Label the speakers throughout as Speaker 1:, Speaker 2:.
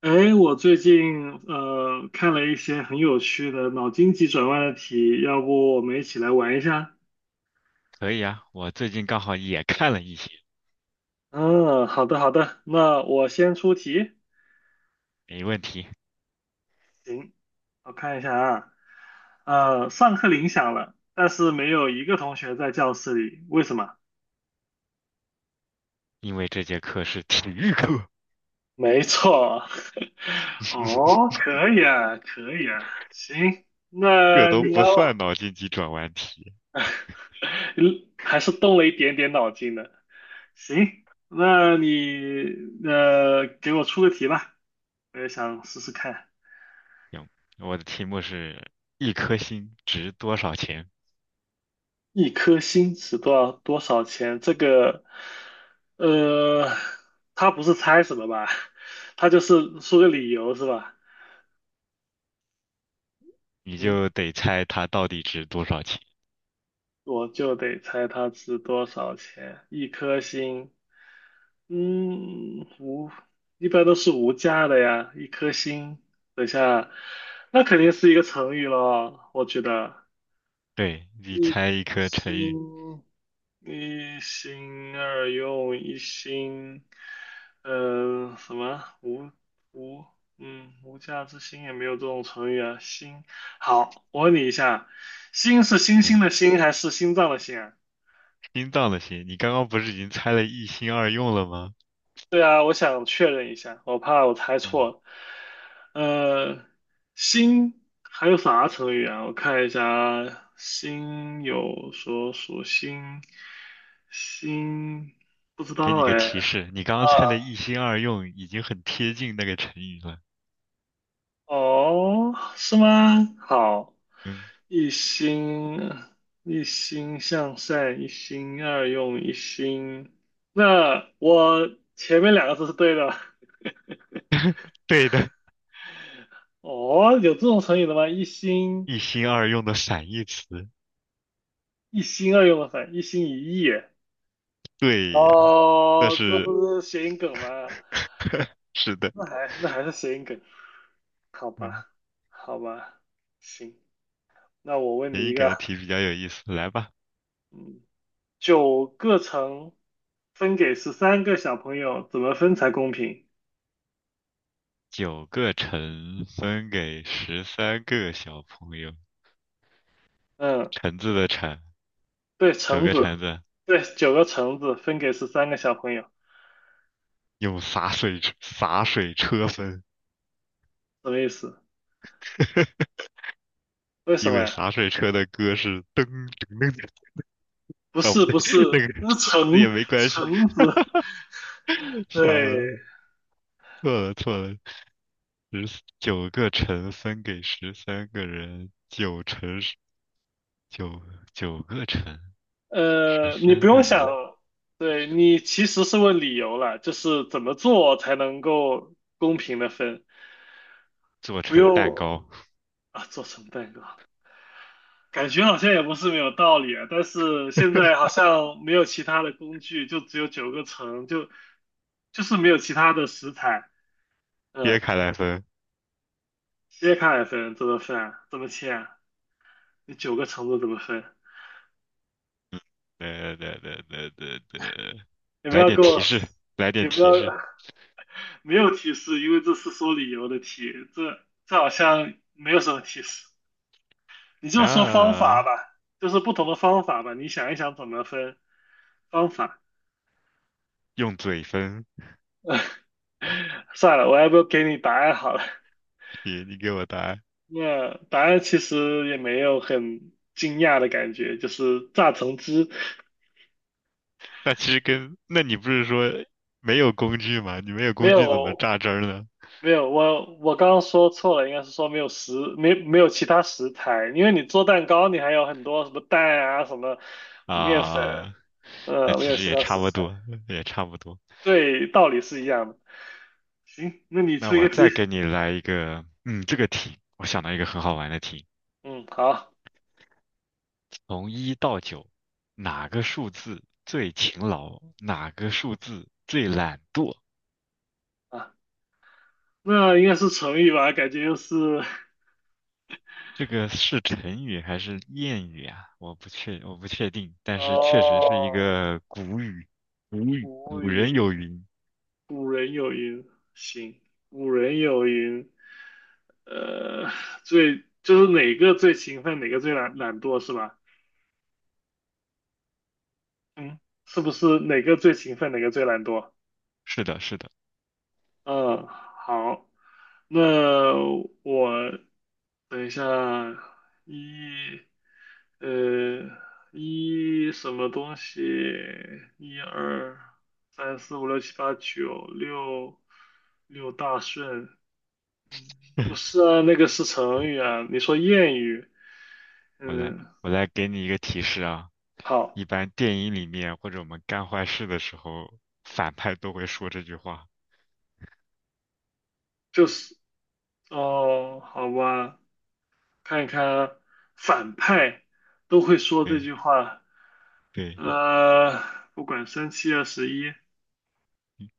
Speaker 1: 哎，我最近看了一些很有趣的脑筋急转弯的题，要不我们一起来玩一下？
Speaker 2: 可以啊，我最近刚好也看了一些，
Speaker 1: 嗯，好的好的，那我先出题。
Speaker 2: 没问题，
Speaker 1: 行，我看一下啊，上课铃响了，但是没有一个同学在教室里，为什么？
Speaker 2: 因为这节课是体育课，
Speaker 1: 没错，哦，可以啊，可以啊，行，
Speaker 2: 这
Speaker 1: 那
Speaker 2: 都
Speaker 1: 你
Speaker 2: 不算
Speaker 1: 要
Speaker 2: 脑筋急转弯题。
Speaker 1: 还是动了一点点脑筋的。行，那你给我出个题吧，我也想试试看。
Speaker 2: 行，我的题目是一颗星值多少钱，
Speaker 1: 一颗星值多少钱？这个，呃，他不是猜什么吧？他就是说个理由是吧？
Speaker 2: 你
Speaker 1: 嗯，
Speaker 2: 就得猜它到底值多少钱。
Speaker 1: 我就得猜它值多少钱。一颗星，嗯，无，一般都是无价的呀。一颗星，等一下，那肯定是一个成语咯，我觉得。
Speaker 2: 对，你
Speaker 1: 一
Speaker 2: 猜一颗成语，
Speaker 1: 心一心二用，一心，什么无，嗯，无价之心也没有这种成语啊。心，好，我问你一下，心是星
Speaker 2: 嗯，
Speaker 1: 星的心还是心脏的心啊？
Speaker 2: 心脏的心，你刚刚不是已经猜了一心二用了吗？
Speaker 1: 对啊，我想确认一下，我怕我猜错
Speaker 2: 嗯，
Speaker 1: 了。呃，心还有啥成语啊？我看一下啊，心有所属心，心不知
Speaker 2: 给你
Speaker 1: 道哎。
Speaker 2: 个提示，你刚刚猜了一
Speaker 1: 啊，
Speaker 2: 心二用，已经很贴近那个成语了。
Speaker 1: 哦，是吗？好，
Speaker 2: 嗯，
Speaker 1: 一心一心向善，一心二用，一心。那我前面2个字是对的。
Speaker 2: 对的，
Speaker 1: 哦，有这种成语的吗？一心。
Speaker 2: 一心二用的反义词。
Speaker 1: 一心二用的反，一心一意。
Speaker 2: 对呀，那
Speaker 1: 哦，这不
Speaker 2: 是
Speaker 1: 是谐音梗吗？
Speaker 2: 是的，
Speaker 1: 那还是谐音梗，好
Speaker 2: 嗯，
Speaker 1: 吧，好吧，行。那我问
Speaker 2: 给
Speaker 1: 你
Speaker 2: 你
Speaker 1: 一
Speaker 2: 给
Speaker 1: 个，
Speaker 2: 的题比较有意思，来吧。
Speaker 1: 嗯，九个橙分给十三个小朋友，怎么分才公平？
Speaker 2: 九个橙分给十三个小朋友，
Speaker 1: 嗯，
Speaker 2: 橙子的橙，
Speaker 1: 对，
Speaker 2: 九
Speaker 1: 橙
Speaker 2: 个橙
Speaker 1: 子，
Speaker 2: 子
Speaker 1: 对，9个橙子分给十三个小朋友，
Speaker 2: 用洒水车分，
Speaker 1: 什么意思？为什
Speaker 2: 因
Speaker 1: 么
Speaker 2: 为
Speaker 1: 呀？
Speaker 2: 洒水车的歌是噔噔噔噔，
Speaker 1: 不是不是，
Speaker 2: 那个
Speaker 1: 那是
Speaker 2: 这
Speaker 1: 橙
Speaker 2: 也没关系。
Speaker 1: 橙子，
Speaker 2: 小
Speaker 1: 对，
Speaker 2: 子，错了错了，十九个橙分给十三个人，九九个橙，十
Speaker 1: 你不
Speaker 2: 三个
Speaker 1: 用想，
Speaker 2: 人。
Speaker 1: 对，你其实是问理由了，就是怎么做才能够公平的分，
Speaker 2: 做
Speaker 1: 不
Speaker 2: 成蛋
Speaker 1: 用
Speaker 2: 糕，
Speaker 1: 啊，做成蛋糕，感觉好像也不是没有道理啊，但是现在好像没有其他的工具，就只有九个层，就是没有其他的食材，
Speaker 2: 切
Speaker 1: 嗯，
Speaker 2: 开来分。
Speaker 1: 切开来分怎么分啊？怎么切啊？你9个层子怎么分？
Speaker 2: 嗯，对对对对对对，
Speaker 1: 你不
Speaker 2: 来
Speaker 1: 要
Speaker 2: 点
Speaker 1: 给我，
Speaker 2: 提示，来点
Speaker 1: 你不要。
Speaker 2: 提示。
Speaker 1: 没有提示，因为这是说理由的题，这好像没有什么提示。你就说方
Speaker 2: 那、
Speaker 1: 法吧，就是不同的方法吧，你想一想怎么分方法。
Speaker 2: 用嘴分，
Speaker 1: 算了，我要不要给你答案好了。
Speaker 2: 你给我答案。
Speaker 1: 那答案其实也没有很惊讶的感觉，就是榨橙汁，
Speaker 2: 那其实跟，那你不是说没有工具吗？你没有
Speaker 1: 没
Speaker 2: 工具怎么
Speaker 1: 有
Speaker 2: 榨汁儿呢？
Speaker 1: 没有，我刚刚说错了，应该是说没有其他食材，因为你做蛋糕你还有很多什么蛋啊什么面粉，
Speaker 2: 啊，那
Speaker 1: 没
Speaker 2: 其
Speaker 1: 有
Speaker 2: 实
Speaker 1: 其
Speaker 2: 也
Speaker 1: 他
Speaker 2: 差
Speaker 1: 食
Speaker 2: 不
Speaker 1: 材。
Speaker 2: 多，也差不多。
Speaker 1: 对，道理是一样的。行，那你
Speaker 2: 那
Speaker 1: 出一
Speaker 2: 我
Speaker 1: 个题。
Speaker 2: 再给你来一个，嗯，这个题，我想到一个很好玩的题。
Speaker 1: 嗯，好
Speaker 2: 从一到九，哪个数字最勤劳，哪个数字最懒惰？
Speaker 1: 啊，那应该是成语吧？感觉又是
Speaker 2: 这个是成语还是谚语啊？我不确定，但是确实是一
Speaker 1: 哦，
Speaker 2: 个古语，古语，
Speaker 1: 古
Speaker 2: 古人
Speaker 1: 语，
Speaker 2: 有云。
Speaker 1: 古人有云，行，古人有云，呃，就是哪个最勤奋，哪个最懒惰是吧？嗯，是不是哪个最勤奋，哪个最懒惰？
Speaker 2: 是的，是的。
Speaker 1: 嗯，好，那我等一下，一，呃，一什么东西？一二三四五六七八九六六大顺，不是 啊，那个是成语啊。你说谚语，
Speaker 2: 我来，
Speaker 1: 嗯，
Speaker 2: 我来给你一个提示啊。
Speaker 1: 好，
Speaker 2: 一般电影里面或者我们干坏事的时候，反派都会说这句话。
Speaker 1: 就是哦，好吧，看一看啊，反派都会说这
Speaker 2: 对，
Speaker 1: 句话，
Speaker 2: 对。
Speaker 1: 呃，不管三七二十一，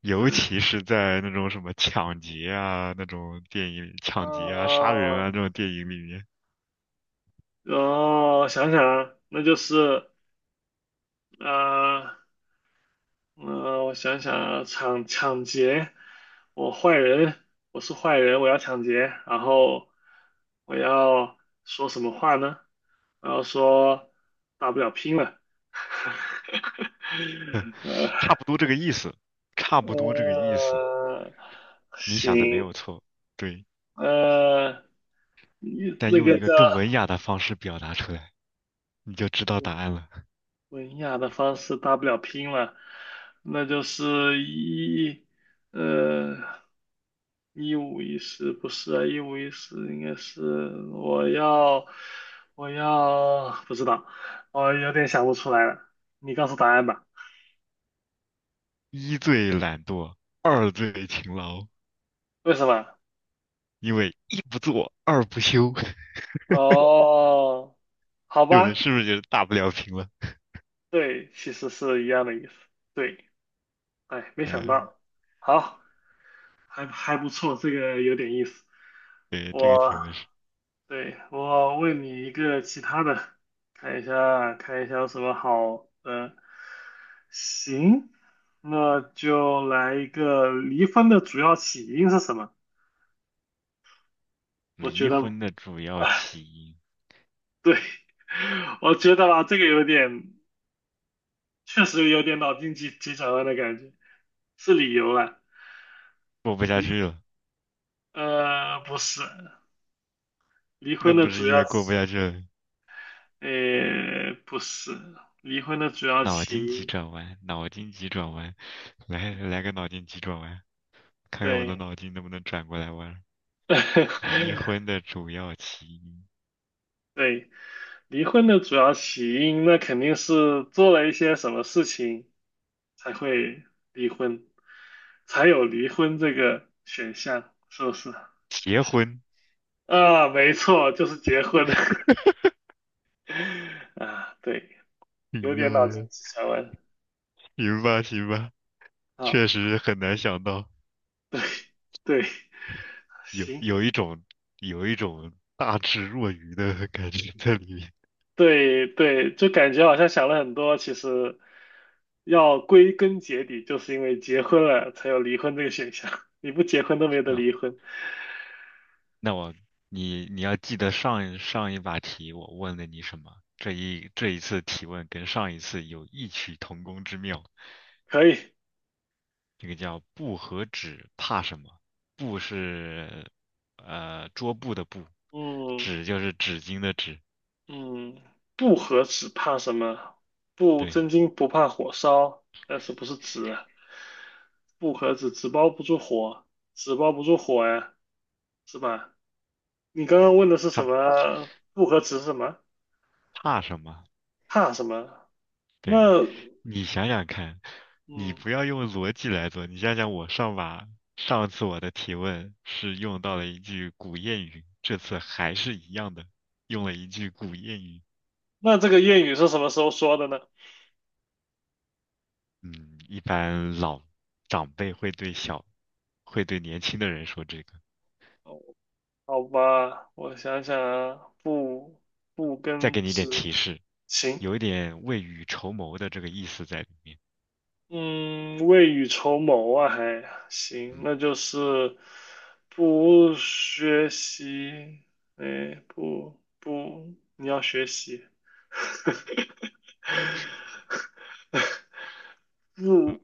Speaker 2: 尤其
Speaker 1: 嗯。
Speaker 2: 是在那种什么抢劫啊那种电影里抢劫啊、杀人
Speaker 1: 哦，
Speaker 2: 啊这种电影里面，
Speaker 1: 哦，想想啊，那就是啊，我想想啊，抢劫，我坏人，我是坏人，我要抢劫，然后我要说什么话呢？然后说大不了拼了，呃
Speaker 2: 差不多这个意思，差不多这个意思。
Speaker 1: 呃，
Speaker 2: 你想的没有
Speaker 1: 行，
Speaker 2: 错，对，
Speaker 1: 呃，
Speaker 2: 但
Speaker 1: 那
Speaker 2: 用
Speaker 1: 个
Speaker 2: 一个
Speaker 1: 叫。
Speaker 2: 更文雅的方式表达出来，你就知道答案了。
Speaker 1: 文雅的方式大不了拼了，那就是一，呃，一五一十不是啊，一五一十应该是我要，我要不知道，我有点想不出来了，你告诉答案吧，
Speaker 2: 一最懒惰，二最勤劳，
Speaker 1: 为什么？
Speaker 2: 因为一不做二不休。
Speaker 1: 哦，好
Speaker 2: 对不对？
Speaker 1: 吧，
Speaker 2: 是不是就是大不了平了？
Speaker 1: 对，其实是一样的意思，对，哎，没想
Speaker 2: 嗯，
Speaker 1: 到，好，还不错，这个有点意思，
Speaker 2: 对，这个题目
Speaker 1: 我。
Speaker 2: 是
Speaker 1: 对，我问你一个其他的，看一下看一下有什么好的。行，那就来一个离婚的主要起因是什么？我觉
Speaker 2: 离
Speaker 1: 得，
Speaker 2: 婚的主要
Speaker 1: 啊，
Speaker 2: 起因，
Speaker 1: 对，我觉得吧，这个有点，确实有点脑筋急转弯的感觉，是理由了。
Speaker 2: 过不下
Speaker 1: 离，
Speaker 2: 去了，
Speaker 1: 不是，离
Speaker 2: 那
Speaker 1: 婚的
Speaker 2: 不是
Speaker 1: 主
Speaker 2: 因
Speaker 1: 要
Speaker 2: 为过不
Speaker 1: 起，
Speaker 2: 下去了。
Speaker 1: 呃，不是，离婚的主要
Speaker 2: 脑
Speaker 1: 起
Speaker 2: 筋急
Speaker 1: 因，
Speaker 2: 转弯，脑筋急转弯，来来个脑筋急转弯，看看我的
Speaker 1: 对。
Speaker 2: 脑筋能不能转过来弯儿。离 婚的主要起因，
Speaker 1: 对，离婚的主要起因，那肯定是做了一些什么事情才会离婚，才有离婚这个选项，是不是？
Speaker 2: 结婚。
Speaker 1: 啊，没错，就是结婚。啊，对，
Speaker 2: 哎
Speaker 1: 有
Speaker 2: 呀，
Speaker 1: 点脑筋急转弯。
Speaker 2: 行吧行吧，
Speaker 1: 啊，
Speaker 2: 确实很难想到，
Speaker 1: 对，对，
Speaker 2: 有
Speaker 1: 行，
Speaker 2: 有一种有一种大智若愚的感觉在里面。
Speaker 1: 对对，就感觉好像想了很多，其实要归根结底，就是因为结婚了才有离婚这个选项，你不结婚都没得
Speaker 2: 啊，
Speaker 1: 离婚。
Speaker 2: 那我你要记得上一把题我问了你什么，这一次提问跟上一次有异曲同工之妙。
Speaker 1: 可以，
Speaker 2: 这个叫布和纸怕什么？布是桌布的布，
Speaker 1: 嗯
Speaker 2: 纸就是纸巾的纸。
Speaker 1: 嗯，不和纸怕什么？不
Speaker 2: 对，
Speaker 1: 真金不怕火烧，但是不是纸啊？不和纸纸包不住火，纸包不住火呀，是吧？你刚刚问的是
Speaker 2: 它
Speaker 1: 什么？不和纸是什么？
Speaker 2: 怕什么？
Speaker 1: 怕什么？
Speaker 2: 对，
Speaker 1: 那
Speaker 2: 你想想看，你
Speaker 1: 嗯，
Speaker 2: 不要用逻辑来做，你想想我上次我的提问是用到了一句古谚语，这次还是一样的，用了一句古谚语。
Speaker 1: 那这个谚语是什么时候说的呢？
Speaker 2: 嗯，一般老长辈会对小，会对年轻的人说这个。
Speaker 1: 好吧，我想想啊，不
Speaker 2: 再
Speaker 1: 跟
Speaker 2: 给你一点
Speaker 1: 纸，
Speaker 2: 提示。
Speaker 1: 行，
Speaker 2: 有一点未雨绸缪的这个意思在里面。
Speaker 1: 嗯，未雨绸缪啊，还行，
Speaker 2: 嗯，
Speaker 1: 那就是不学习，哎，不不，你要学习，不，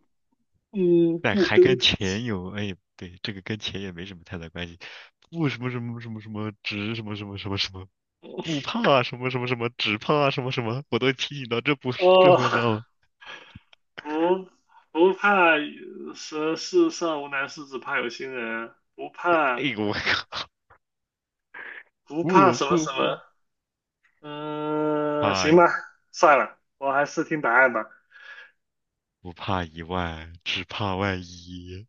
Speaker 1: 嗯，
Speaker 2: 但
Speaker 1: 不
Speaker 2: 还
Speaker 1: 跟，
Speaker 2: 跟钱有，哎，对，这个跟钱也没什么太大关系。不什么什么什么什么，只什么什么什么什么，不怕什么什么什么，只怕什么什么，我都提醒到这
Speaker 1: 哦，
Speaker 2: 份上了。
Speaker 1: 不不怕什世上无难事，只怕有心人啊，不
Speaker 2: 哎
Speaker 1: 怕
Speaker 2: 呦我靠！
Speaker 1: 不怕
Speaker 2: 不
Speaker 1: 什么
Speaker 2: 不
Speaker 1: 什
Speaker 2: 不，
Speaker 1: 么，嗯，行
Speaker 2: 怕
Speaker 1: 吧，算了，我还是听答案吧。
Speaker 2: 不怕一万，只怕万一。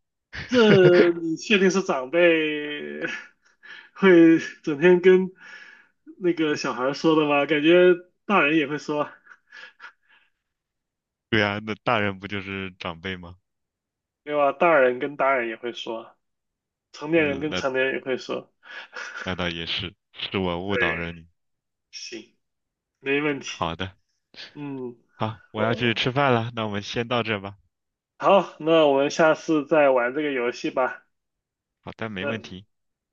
Speaker 1: 这 你确定是长辈 会整天跟那个小孩说的吗？感觉大人也会说，
Speaker 2: 对啊，那大人不就是长辈吗？
Speaker 1: 对吧？大人跟大人也会说，成年人
Speaker 2: 嗯，
Speaker 1: 跟成年人也会说。
Speaker 2: 那倒也是，是我误导了
Speaker 1: 对，
Speaker 2: 你。
Speaker 1: 行，没问题。
Speaker 2: 好的。
Speaker 1: 嗯，
Speaker 2: 好，我要去
Speaker 1: 我
Speaker 2: 吃饭了，那我们先到这吧。
Speaker 1: 好，那我们下次再玩这个游戏吧。
Speaker 2: 好的，没
Speaker 1: 那
Speaker 2: 问题，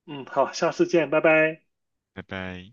Speaker 1: 好，下次见，拜拜。
Speaker 2: 拜拜。